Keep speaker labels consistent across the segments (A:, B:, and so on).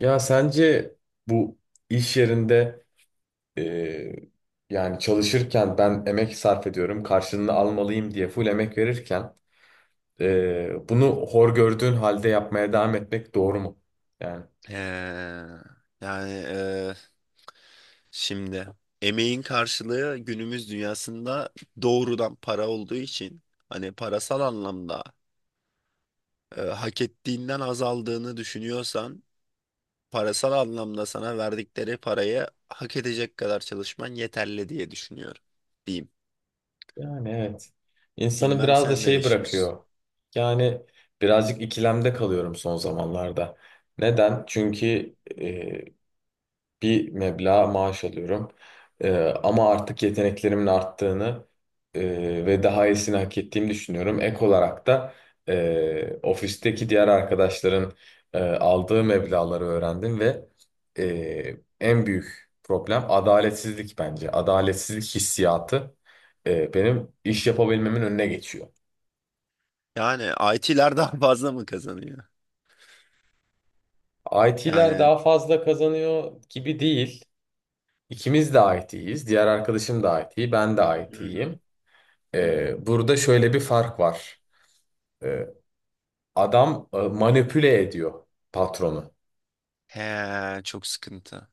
A: Ya sence bu iş yerinde eee, yani çalışırken ben emek sarf ediyorum, karşılığını almalıyım diye full emek verirken bunu hor gördüğün halde yapmaya devam etmek doğru mu? Yani
B: Ee, yani e, şimdi emeğin karşılığı günümüz dünyasında doğrudan para olduğu için hani parasal anlamda hak ettiğinden azaldığını düşünüyorsan parasal anlamda sana verdikleri parayı hak edecek kadar çalışman yeterli diye düşünüyorum diyeyim.
A: yani, evet. İnsanı
B: Bilmem
A: biraz da
B: sen ne
A: şey
B: düşünürsün?
A: bırakıyor. Yani birazcık ikilemde kalıyorum son zamanlarda. Neden? Çünkü e, bir meblağ maaş alıyorum. Ee, ama artık yeteneklerimin arttığını ve daha iyisini hak ettiğimi düşünüyorum. Ek olarak da ofisteki diğer arkadaşların aldığı meblağları öğrendim ve en büyük problem adaletsizlik bence. Adaletsizlik hissiyatı benim iş yapabilmemin önüne geçiyor.
B: Yani IT'ler daha fazla mı kazanıyor?
A: IT'ler
B: Yani,
A: daha fazla kazanıyor gibi değil. İkimiz de IT'yiz. Diğer arkadaşım da IT, ben de
B: hı hı,
A: IT'yim.
B: hı hı.
A: Burada şöyle bir fark var. Ee, adam manipüle ediyor patronu.
B: He, çok sıkıntı.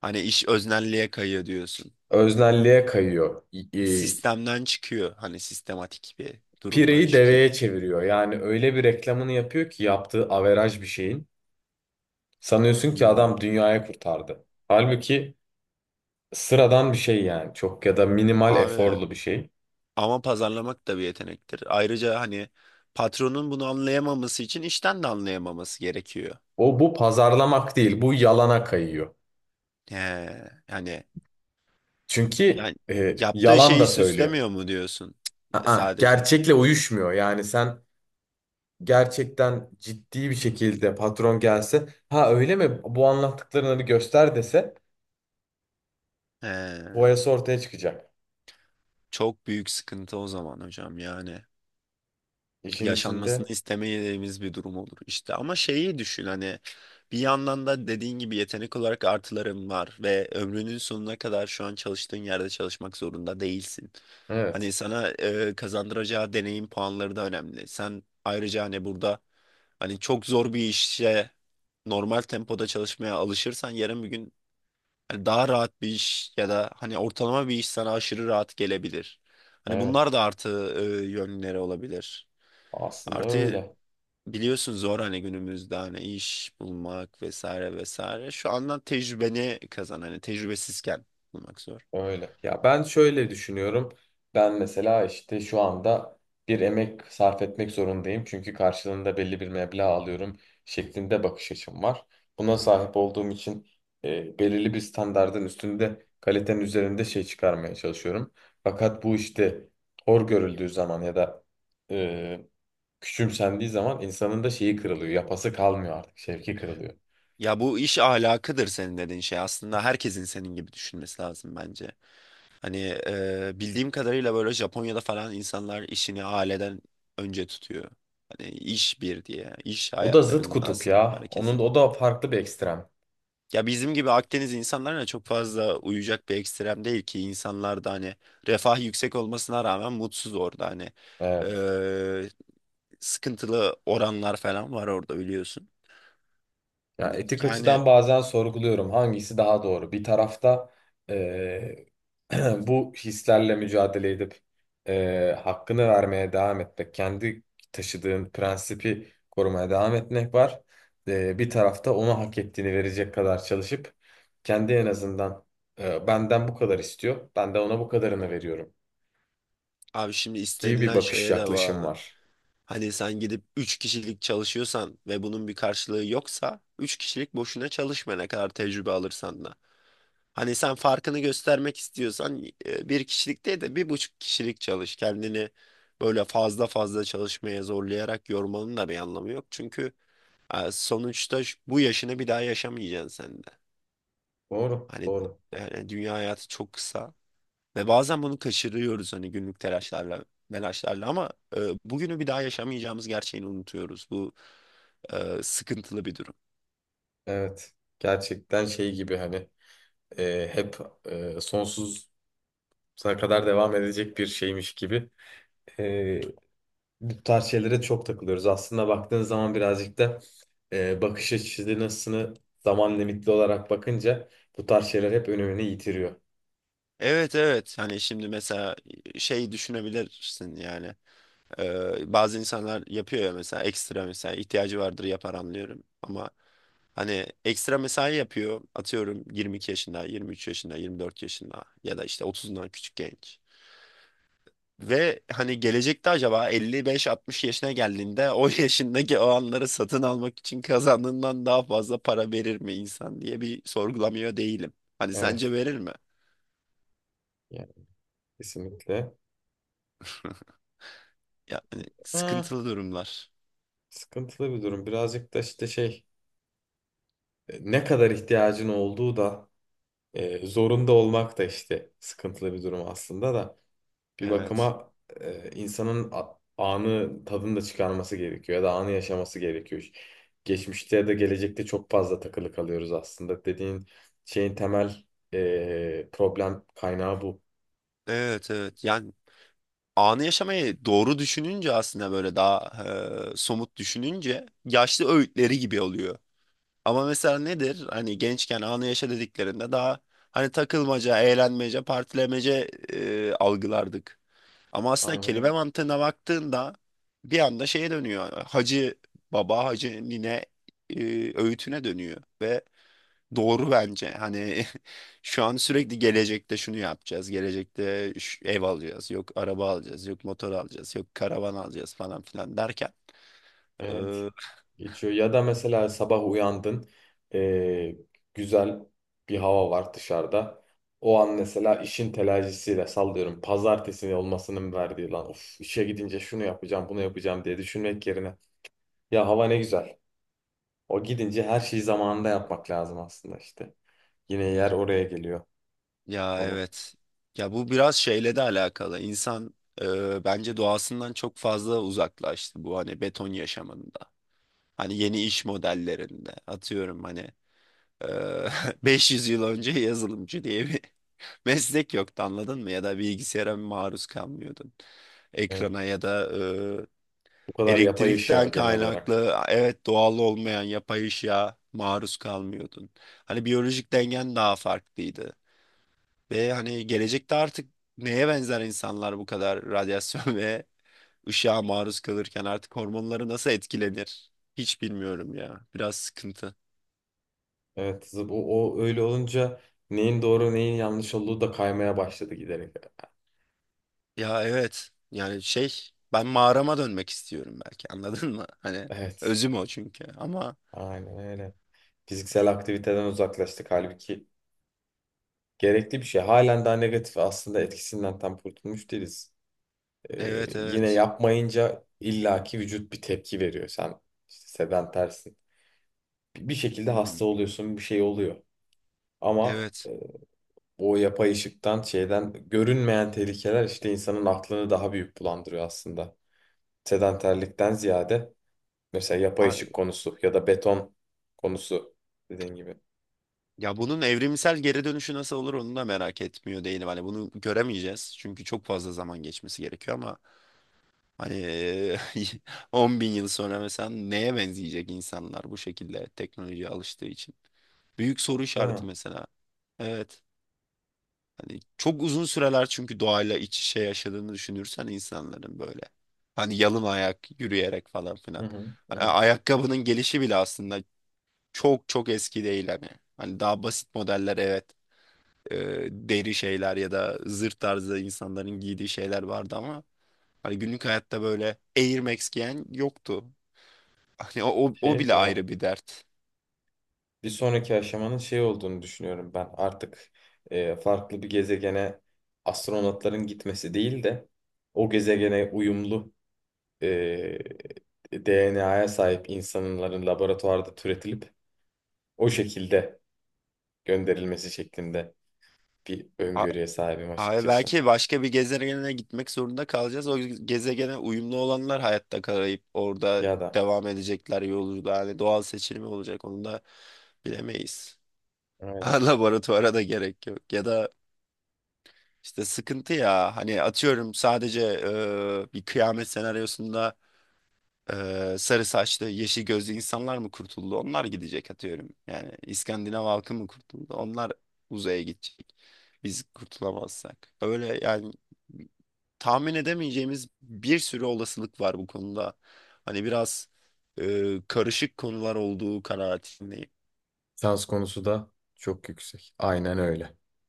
B: Hani iş öznelliğe kayıyor diyorsun,
A: Öznelliğe kayıyor.
B: sistemden çıkıyor. Hani sistematik bir durumdan
A: Pireyi
B: çıkıyor.
A: deveye çeviriyor. Yani öyle bir reklamını yapıyor ki yaptığı averaj bir şeyin. Sanıyorsun ki
B: Hmm.
A: adam dünyayı kurtardı. Halbuki sıradan bir şey yani. Çok ya da minimal
B: Abi,
A: eforlu bir şey.
B: ama pazarlamak da bir yetenektir. Ayrıca hani patronun bunu anlayamaması için işten de anlayamaması gerekiyor.
A: O bu pazarlamak değil. Bu yalana kayıyor.
B: He, yani
A: Çünkü
B: yani yaptığı
A: yalan
B: şeyi
A: da söylüyor.
B: süslemiyor mu diyorsun? E,
A: Aa,
B: sadece.
A: gerçekle uyuşmuyor. Yani sen gerçekten ciddi bir şekilde patron gelse ha öyle mi bu anlattıklarını göster dese
B: He,
A: boyası ortaya çıkacak.
B: çok büyük sıkıntı o zaman hocam yani.
A: İşin
B: Yaşanmasını
A: içinde
B: istemediğimiz bir durum olur işte. Ama şeyi düşün, hani bir yandan da dediğin gibi yetenek olarak artıların var ve ömrünün sonuna kadar şu an çalıştığın yerde çalışmak zorunda değilsin. Hani
A: evet,
B: sana kazandıracağı deneyim puanları da önemli. Sen ayrıca hani burada hani çok zor bir işe normal tempoda çalışmaya alışırsan yarın bir gün hani daha rahat bir iş ya da hani ortalama bir iş sana aşırı rahat gelebilir. Hani bunlar
A: evet,
B: da artı yönleri olabilir.
A: aslında
B: Artı,
A: öyle.
B: biliyorsun zor hani günümüzde hani iş bulmak vesaire vesaire. Şu andan tecrübeni kazan, hani tecrübesizken bulmak zor.
A: Öyle. Ya ben şöyle düşünüyorum. Ben mesela işte şu anda bir emek sarf etmek zorundayım. Çünkü karşılığında belli bir meblağ alıyorum şeklinde bakış açım var. Buna sahip olduğum için belirli bir standardın üstünde kalitenin üzerinde şey çıkarmaya çalışıyorum. Fakat bu işte hor görüldüğü zaman ya da e, küçümsendiği zaman insanın da şeyi kırılıyor. Yapası kalmıyor artık. Şevki kırılıyor.
B: Ya bu iş ahlakıdır senin dediğin şey. Aslında herkesin senin gibi düşünmesi lazım bence. Hani bildiğim kadarıyla böyle Japonya'da falan insanlar işini aileden önce tutuyor. Hani iş bir diye. İş
A: O da zıt
B: hayatlarının
A: kutup
B: asıl
A: ya. Onun
B: merkezi.
A: o da farklı bir ekstrem.
B: Ya bizim gibi Akdeniz insanlarına çok fazla uyacak bir ekstrem değil ki, insanlar da hani refah yüksek olmasına rağmen mutsuz orada hani.
A: Evet.
B: Eee, Sıkıntılı oranlar falan var orada biliyorsun.
A: Ya etik
B: Yani
A: açıdan bazen sorguluyorum hangisi daha doğru. Bir tarafta eee, bu hislerle mücadele edip hakkını vermeye devam etmek, kendi taşıdığın prensipi korumaya devam etmek var. Bir tarafta ona hak ettiğini verecek kadar çalışıp kendi en azından benden bu kadar istiyor, ben de ona bu kadarını veriyorum
B: abi şimdi
A: gibi bir
B: istenilen
A: bakış
B: şeye de
A: yaklaşım
B: bağlı.
A: var.
B: Hani sen gidip 3 kişilik çalışıyorsan ve bunun bir karşılığı yoksa 3 kişilik boşuna çalışma ne kadar tecrübe alırsan da. Hani sen farkını göstermek istiyorsan bir kişilik değil de bir buçuk kişilik çalış. Kendini böyle fazla fazla çalışmaya zorlayarak yormanın da bir anlamı yok. Çünkü sonuçta bu yaşını bir daha yaşamayacaksın sen de.
A: Doğru,
B: Hani
A: doğru.
B: yani dünya hayatı çok kısa ve bazen bunu kaçırıyoruz hani günlük telaşlarla, melaşlarla ama bugünü bir daha yaşamayacağımız gerçeğini unutuyoruz. Bu sıkıntılı bir durum.
A: Evet, gerçekten şey gibi hani hep sonsuz sonuna kadar devam edecek bir şeymiş gibi. Ee, bu tarz şeylere çok takılıyoruz. Aslında baktığın zaman birazcık da bakış açısını zaman limitli olarak bakınca bu tarz şeyler hep önemini yitiriyor.
B: Evet evet, hani şimdi mesela şey düşünebilirsin yani. Bazı insanlar yapıyor ya mesela ekstra, mesela ihtiyacı vardır yapar anlıyorum. Ama hani ekstra mesai yapıyor atıyorum 22 yaşında, 23 yaşında, 24 yaşında ya da işte 30'undan küçük genç. Ve hani gelecekte acaba 55-60 yaşına geldiğinde o yaşındaki o anları satın almak için kazandığından daha fazla para verir mi insan diye bir sorgulamıyor değilim. Hani
A: Evet,
B: sence verir mi?
A: yani kesinlikle.
B: Yani
A: Ha,
B: sıkıntılı durumlar.
A: sıkıntılı bir durum. Birazcık da işte şey ne kadar ihtiyacın olduğu da zorunda olmak da işte sıkıntılı bir durum aslında da. Bir
B: Evet.
A: bakıma insanın anı tadını da çıkarması gerekiyor ya da anı yaşaması gerekiyor. Geçmişte ya da gelecekte çok fazla takılı kalıyoruz aslında. Dediğin şeyin temel problem kaynağı bu.
B: Evet evet. Yani anı yaşamayı doğru düşününce aslında böyle daha somut düşününce yaşlı öğütleri gibi oluyor. Ama mesela nedir? Hani gençken anı yaşa dediklerinde daha hani takılmaca, eğlenmece, partilemece algılardık. Ama aslında
A: Aynen
B: kelime
A: öyle.
B: mantığına baktığında bir anda şeye dönüyor. Hacı baba, hacı nine e, öğütüne dönüyor ve doğru bence. Hani şu an sürekli gelecekte şunu yapacağız. Gelecekte şu ev alacağız. Yok araba alacağız. Yok motor alacağız. Yok karavan alacağız falan filan derken.
A: Evet.
B: eee,
A: Geçiyor. Ya da mesela sabah uyandın, e, güzel bir hava var dışarıda. O an mesela işin telaşıyla sallıyorum. Pazartesi olmasının verdiği lan of işe gidince şunu yapacağım, bunu yapacağım diye düşünmek yerine ya hava ne güzel. O gidince her şeyi zamanında yapmak lazım aslında işte. Yine yer oraya geliyor
B: Ya
A: konu.
B: evet. Ya bu biraz şeyle de alakalı. İnsan, bence doğasından çok fazla uzaklaştı bu hani beton yaşamında. Hani yeni iş modellerinde. Atıyorum hani eee, 500 yıl önce yazılımcı diye bir meslek yoktu, anladın mı? Ya da bilgisayara maruz kalmıyordun.
A: Evet.
B: Ekrana ya da
A: Bu kadar yapay ışığa
B: elektrikten
A: genel olarak.
B: kaynaklı, evet, doğal olmayan yapay ışığa maruz kalmıyordun. Hani biyolojik dengen daha farklıydı. Ve hani gelecekte artık neye benzer insanlar bu kadar radyasyon ve ışığa maruz kalırken artık hormonları nasıl etkilenir? Hiç bilmiyorum ya. Biraz sıkıntı.
A: Evet, o öyle olunca neyin doğru neyin yanlış olduğu da kaymaya başladı giderek.
B: Ya evet. Yani şey, ben mağarama dönmek istiyorum belki, anladın mı? Hani
A: Evet,
B: özüm o çünkü ama
A: aynen öyle. Fiziksel aktiviteden uzaklaştık halbuki gerekli bir şey. Halen daha negatif aslında etkisinden tam kurtulmuş değiliz.
B: evet
A: Yine
B: evet.
A: yapmayınca illaki vücut bir tepki veriyor. Sen işte sedentersin. Bir şekilde
B: Hı hı.
A: hasta oluyorsun, bir şey oluyor. Ama
B: Evet.
A: o yapay ışıktan şeyden görünmeyen tehlikeler işte insanın aklını daha büyük bulandırıyor aslında. Sedanterlikten ziyade mesela yapay
B: A-
A: ışık konusu ya da beton konusu dediğin gibi.
B: Ya bunun evrimsel geri dönüşü nasıl olur onu da merak etmiyor değilim. Hani bunu göremeyeceğiz. Çünkü çok fazla zaman geçmesi gerekiyor ama hani 10 bin yıl sonra mesela neye benzeyecek insanlar bu şekilde teknolojiye alıştığı için? Büyük soru
A: Değil mi?
B: işareti mesela. Evet. Hani çok uzun süreler, çünkü doğayla iç içe yaşadığını düşünürsen insanların böyle. Hani yalın ayak yürüyerek falan
A: Hı
B: filan.
A: hı, hı.
B: Ayakkabının gelişi bile aslında çok çok eski değil hani. Hani daha basit modeller, evet, deri şeyler ya da zırt tarzı insanların giydiği şeyler vardı ama hani günlük hayatta böyle Air Max giyen yoktu. Hani o
A: Şey
B: bile
A: diyorlar.
B: ayrı bir dert.
A: Bir sonraki aşamanın şey olduğunu düşünüyorum ben. Artık farklı bir gezegene astronotların gitmesi değil de o gezegene uyumlu e, DNA'ya sahip insanların laboratuvarda türetilip o şekilde gönderilmesi şeklinde bir öngörüye sahibim
B: Abi
A: açıkçası.
B: belki başka bir gezegene gitmek zorunda kalacağız. O gezegene uyumlu olanlar hayatta kalayıp orada
A: Ya da
B: devam edecekler yolculuğa. Yani doğal seçilimi olacak onu da bilemeyiz.
A: evet,
B: Ha, laboratuvara da gerek yok. Ya da işte sıkıntı ya. Hani atıyorum sadece bir kıyamet senaryosunda sarı saçlı, yeşil gözlü insanlar mı kurtuldu? Onlar gidecek atıyorum. Yani İskandinav halkı mı kurtuldu? Onlar uzaya gidecek. Biz kurtulamazsak. Öyle yani tahmin edemeyeceğimiz bir sürü olasılık var bu konuda. Hani biraz karışık konular olduğu kanaatindeyim.
A: sans konusu da çok yüksek. Aynen öyle.